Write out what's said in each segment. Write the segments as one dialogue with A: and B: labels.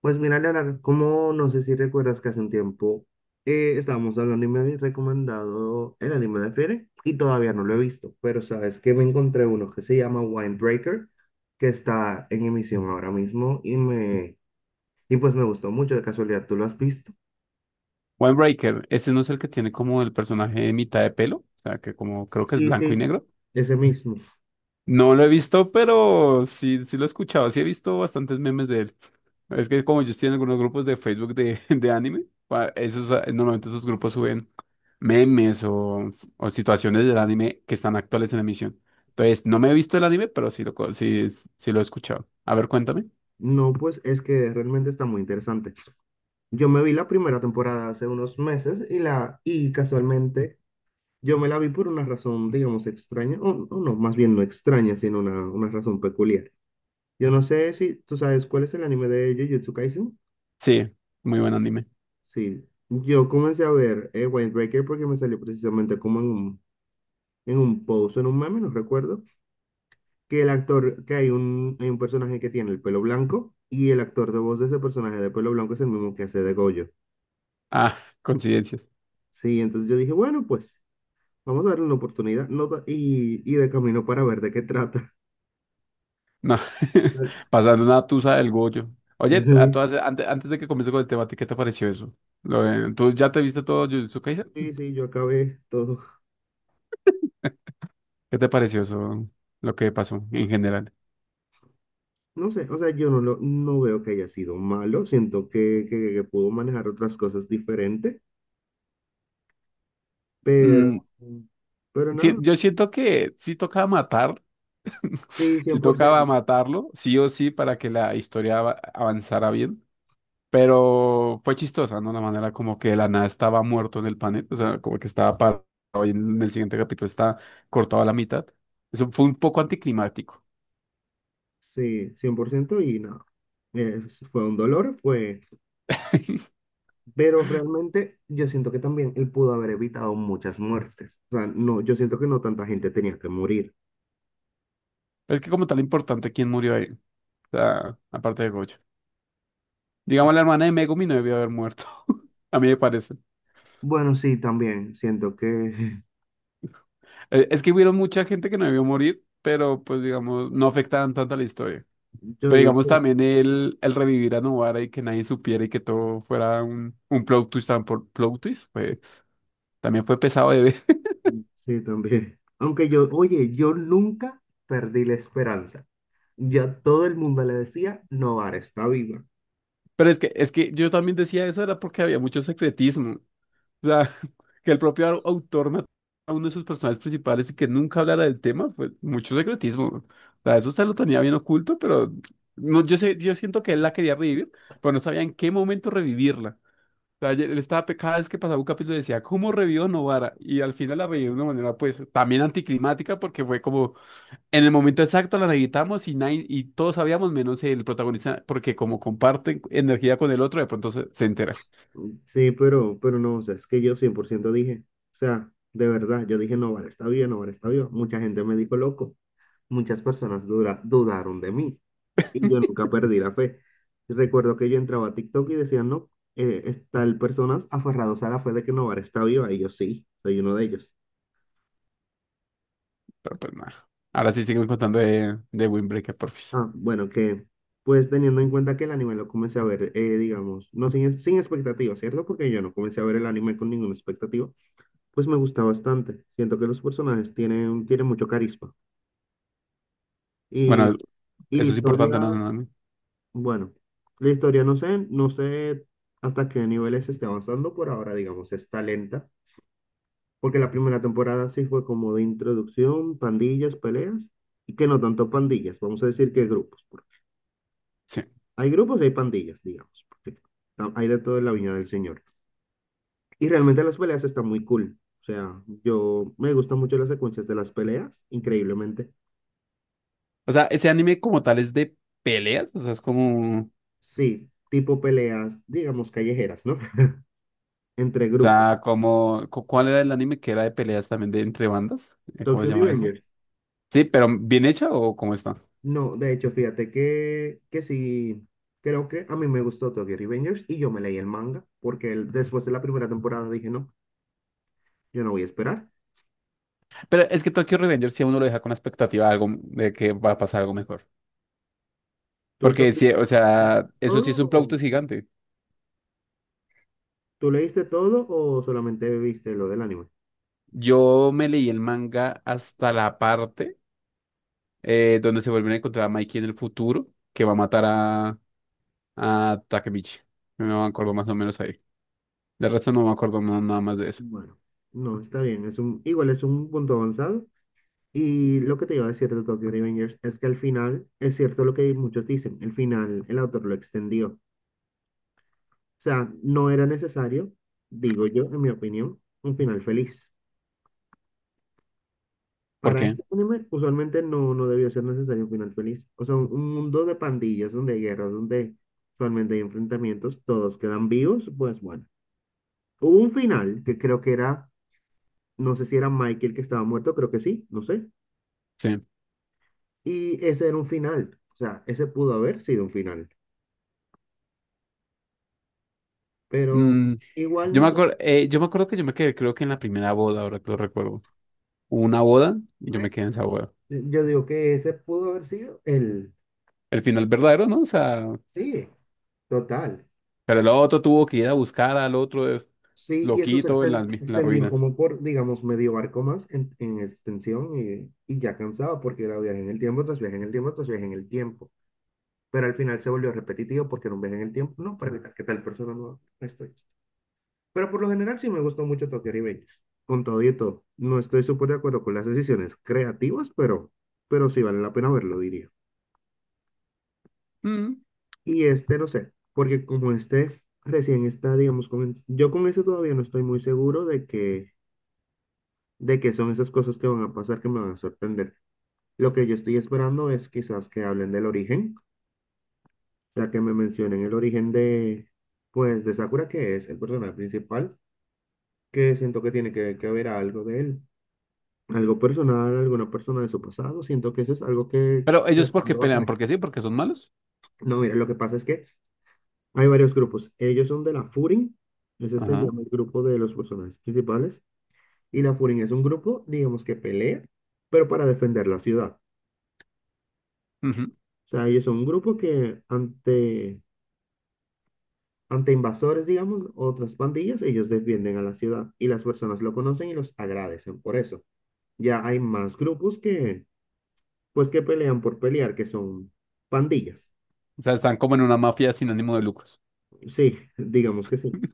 A: Pues mira, Leonardo, como no sé si recuerdas que hace un tiempo estábamos hablando y me habías recomendado el anime de Frieren y todavía no lo he visto, pero sabes que me encontré uno que se llama Winebreaker, que está en emisión ahora mismo y pues me gustó mucho, de casualidad, ¿tú lo has visto?
B: Breaker, ese no es el que tiene como el personaje de mitad de pelo, o sea, que como creo que es
A: Sí,
B: blanco y
A: sí,
B: negro.
A: ese mismo.
B: No lo he visto, pero sí, sí lo he escuchado, sí he visto bastantes memes de él. Es que como yo estoy en algunos grupos de Facebook de anime, pa- esos, normalmente esos grupos suben memes o situaciones del anime que están actuales en emisión. Entonces, no me he visto el anime, pero sí lo, co- sí, sí lo he escuchado. A ver, cuéntame.
A: No, pues es que realmente está muy interesante. Yo me vi la primera temporada hace unos meses y casualmente yo me la vi por una razón, digamos, extraña, o no, más bien no extraña, sino una razón peculiar. Yo no sé si tú sabes cuál es el anime de Jujutsu Kaisen.
B: Sí, muy buen anime.
A: Sí, yo comencé a ver Windbreaker porque me salió precisamente como en un post, en un meme, no recuerdo, que hay un personaje que tiene el pelo blanco y el actor de voz de ese personaje de pelo blanco es el mismo que hace de Gojo.
B: Ah, coincidencias.
A: Sí, entonces yo dije, bueno, pues vamos a darle una oportunidad no, y de camino para ver de qué trata.
B: No, pasando una tusa del Goyo. Oye, a
A: Sí.
B: todas, antes de que comience con el tema, ¿a ti qué te pareció eso? Lo de- ¿tú ya te viste todo Jujutsu Kaisen?
A: Sí, sí, yo acabé todo.
B: ¿Qué te pareció eso, lo que pasó en general?
A: No sé, o sea, yo no lo, no veo que haya sido malo. Siento que, que pudo manejar otras cosas diferentes,
B: Mm,
A: pero, pero
B: sí,
A: nada,
B: yo siento que sí tocaba matar,
A: sí, cien
B: sí
A: por ciento.
B: tocaba matarlo, sí o sí, para que la historia ava- avanzara bien, pero fue chistosa, ¿no? La manera como que de la nada estaba muerto en el panel, o sea, como que estaba parado y en el siguiente capítulo está cortado a la mitad. Eso fue un poco anticlimático.
A: Sí, 100% y nada. Fue un dolor, fue, pero realmente yo siento que también él pudo haber evitado muchas muertes. O sea, no, yo siento que no tanta gente tenía que morir.
B: Es que como tal importante quién murió ahí. O sea, aparte de Goyo. Digamos, la hermana de Megumi no debió haber muerto. A mí me parece.
A: Bueno, sí, también siento que
B: Es que hubieron mucha gente que no debió morir, pero pues digamos, no afectaban tanto a la historia.
A: yo
B: Pero
A: digo
B: digamos
A: que
B: también el revivir a Novara y que nadie supiera y que todo fuera un plot twist, tan por plot twist, fue- también fue pesado de ver.
A: sí, también. Aunque yo, oye, yo nunca perdí la esperanza. Ya todo el mundo le decía, Novara está viva.
B: Pero es que yo también decía eso era porque había mucho secretismo. O sea, que el propio autor matara a uno de sus personajes principales y que nunca hablara del tema, pues mucho secretismo. O sea, eso se lo tenía bien oculto, pero no, yo sé, yo siento que él la quería revivir, pero no sabía en qué momento revivirla. O sea, él estaba, pe- cada vez que pasaba un capítulo decía, ¿cómo revivió Novara? Y al final la revivió de una manera, pues, también anticlimática, porque fue como, en el momento exacto la necesitamos y, nadie- y todos sabíamos, menos el protagonista, porque como comparten energía con el otro, de pronto se entera.
A: Sí, pero no, o sea, es que yo 100% dije, o sea, de verdad, yo dije, Novara está viva, Novara está viva. Mucha gente me dijo loco. Muchas personas dudaron de mí y yo nunca perdí la fe. Recuerdo que yo entraba a TikTok y decían, no, está el personas aferrados a la fe de que Novara está viva y yo sí, soy uno de ellos.
B: Pero pues nada. Ahora sí siguen contando de Windbreaker, porfis.
A: Ah, bueno, que pues teniendo en cuenta que el anime lo comencé a ver, digamos, no sin expectativa, ¿cierto? Porque yo no comencé a ver el anime con ninguna expectativa, pues me gusta bastante. Siento que los personajes tienen, tienen mucho carisma. Y,
B: Bueno,
A: y la
B: eso es
A: historia,
B: importante, no, no, no.
A: bueno, la historia no sé, no sé hasta qué niveles se esté avanzando por ahora, digamos, está lenta, porque la primera temporada sí fue como de introducción, pandillas, peleas, y que no tanto pandillas, vamos a decir que grupos.
B: Sí.
A: Hay grupos y hay pandillas, digamos, porque hay de todo en la Viña del Señor. Y realmente las peleas están muy cool. O sea, yo me gustan mucho las secuencias de las peleas, increíblemente.
B: O sea, ese anime como tal es de peleas. O sea, es como.
A: Sí, tipo peleas, digamos, callejeras, ¿no? Entre
B: O
A: grupo.
B: sea, como. Cu- ¿Cuál era el anime que era de peleas también de entre bandas? ¿Cómo se
A: Tokyo
B: llama eso?
A: Revengers.
B: Sí, pero bien hecha o cómo está.
A: No, de hecho, fíjate que sí, creo que a mí me gustó Tokyo Revengers y yo me leí el manga porque después de la primera temporada dije, no, yo no voy a esperar.
B: Pero es que Tokyo Revenger si a uno lo deja con la expectativa de algo de que va a pasar algo mejor.
A: ¿Tú
B: Porque
A: también
B: sí, o
A: leíste
B: sea, eso sí
A: todo?
B: es un plauto gigante.
A: ¿Tú leíste todo o solamente viste lo del anime?
B: Yo me leí el manga hasta la parte. Donde se vuelven a encontrar a Mikey en el futuro, que va a matar a Takemichi. No me acuerdo más o menos ahí. De resto no me acuerdo no- nada más de eso.
A: Bueno, no, está bien, igual es un punto avanzado. Y lo que te iba a decir de Tokyo Revengers es que al final, es cierto lo que muchos dicen, el final el autor lo extendió. O sea, no era necesario, digo yo, en mi opinión, un final feliz.
B: ¿Por
A: Para
B: qué?
A: ese anime, usualmente no, no debió ser necesario un final feliz. O sea, un mundo de pandillas, donde hay guerras, donde usualmente hay enfrentamientos, todos quedan vivos, pues bueno. Hubo un final que creo que era, no sé si era Michael que estaba muerto, creo que sí, no sé.
B: Sí.
A: Y ese era un final, o sea, ese pudo haber sido un final, pero
B: Mm,
A: igual
B: yo
A: no
B: me
A: se
B: acuerdo, yo me acuerdo que yo me quedé, creo que en la primera boda, ahora que lo recuerdo. Hubo una boda y yo me
A: fue.
B: quedé en esa boda.
A: Yo digo que ese pudo haber sido el,
B: El final verdadero, ¿no? O sea,
A: sí, total.
B: pero el otro tuvo que ir a buscar al otro es-
A: Sí, y eso se
B: loquito en mi-
A: se
B: en las
A: extendió
B: ruinas.
A: como por, digamos, medio barco más en extensión y ya cansado porque era viaje en el tiempo, tras viaje en el tiempo, tras viaje en el tiempo. Pero al final se volvió repetitivo porque era un viaje en el tiempo, no, para evitar que tal persona no estoy. Pero por lo general sí me gustó mucho Tokyo Revengers. Con todo y todo. No estoy súper de acuerdo con las decisiones creativas, pero sí vale la pena verlo, diría.
B: Mm,
A: Y este no sé, porque como este recién está, digamos, yo con eso todavía no estoy muy seguro de que son esas cosas que van a pasar que me van a sorprender. Lo que yo estoy esperando es quizás que hablen del origen, o sea, que me mencionen el origen de, pues, de Sakura, que es el personaje principal, que siento que tiene que haber algo de él, algo personal, alguna persona de su pasado. Siento que eso es algo que
B: pero
A: de
B: ellos porque
A: pronto va a
B: pelean,
A: salir.
B: porque sí, porque son malos.
A: No, mira, lo que pasa es que hay varios grupos. Ellos son de la Furin, ese se
B: Ajá.
A: llama el grupo de los personajes principales. Y la Furin es un grupo, digamos, que pelea, pero para defender la ciudad.
B: Ujú.
A: O sea, ellos son un grupo que ante invasores, digamos, otras pandillas, ellos defienden a la ciudad y las personas lo conocen y los agradecen por eso. Ya hay más grupos que, pues, que pelean por pelear, que son pandillas.
B: O sea, están como en una mafia sin ánimo de lucros.
A: Sí, digamos que sí.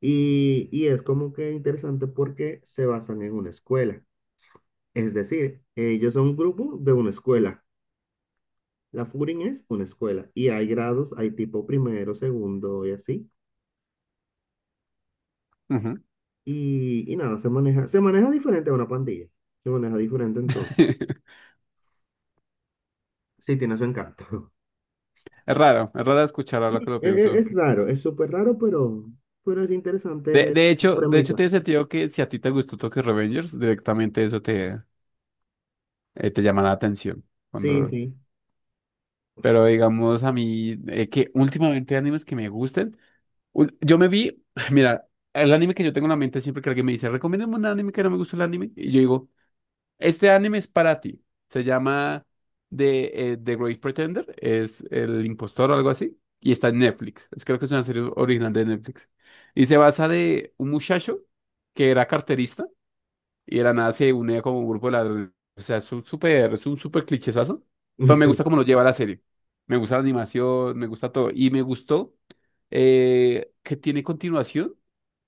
A: Y es como que interesante porque se basan en una escuela. Es decir, ellos son un grupo de una escuela. La Furin es una escuela y hay grados, hay tipo primero, segundo y así.
B: Ujú.
A: Y nada, se maneja diferente a una pandilla. Se maneja diferente en todo. Sí, tiene su encanto.
B: Es raro escuchar
A: Sí,
B: ahora que lo pienso.
A: es raro, es súper raro, pero es interesante la
B: De hecho
A: premisa.
B: tiene sentido que si a ti te gustó Tokyo Revengers, directamente eso te, te llama la atención.
A: Sí,
B: Cuando...
A: sí.
B: Pero digamos a mí, que últimamente hay animes que me gusten. Ul- yo me vi, mira, el anime que yo tengo en la mente siempre que alguien me dice, recomiéndame un anime que no me gusta el anime. Y yo digo, este anime es para ti. Se llama The Great Pretender. Es El Impostor o algo así. Y está en Netflix. Es- creo que es una serie original de Netflix. Y se basa de un muchacho que era carterista y de la nada se une como un grupo de ladrones. O sea, es es un súper clichesazo. Pero me gusta cómo lo lleva la serie. Me gusta la animación, me gusta todo. Y me gustó que tiene continuación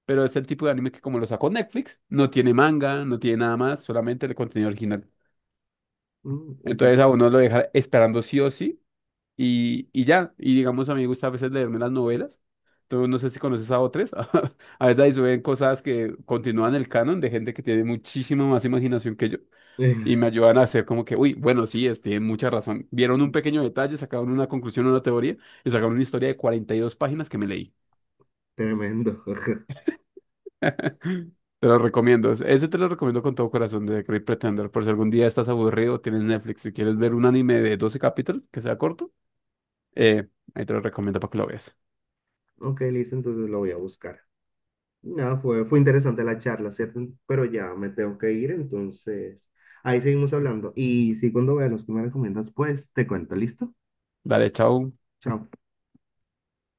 B: pero es el tipo de anime que como lo sacó Netflix, no tiene manga, no tiene nada más, solamente el contenido original.
A: Mm, te-
B: Entonces a uno lo deja esperando sí o sí y ya. Y digamos, a mí me gusta a veces leerme las novelas. Tú no sé si conoces a otras. A veces ahí suben cosas que continúan el canon de gente que tiene muchísima más imaginación que yo y me ayudan a hacer como que, uy, bueno, sí, es, tienen mucha razón. Vieron un pequeño detalle, sacaron una conclusión, una teoría y sacaron una historia de 42 páginas que me leí.
A: Tremendo.
B: Te lo recomiendo. Ese te lo recomiendo con todo corazón de The Great Pretender. Por si algún día estás aburrido, tienes Netflix y quieres ver un anime de 12 capítulos que sea corto, Eh, ahí te lo recomiendo para que lo veas.
A: Ok, listo, entonces lo voy a buscar. Nada, fue, fue interesante la charla, ¿cierto? Pero ya me tengo que ir, entonces ahí seguimos hablando. Y si cuando veas los que me recomiendas, pues te cuento, ¿listo?
B: Dale, chao.
A: Chao.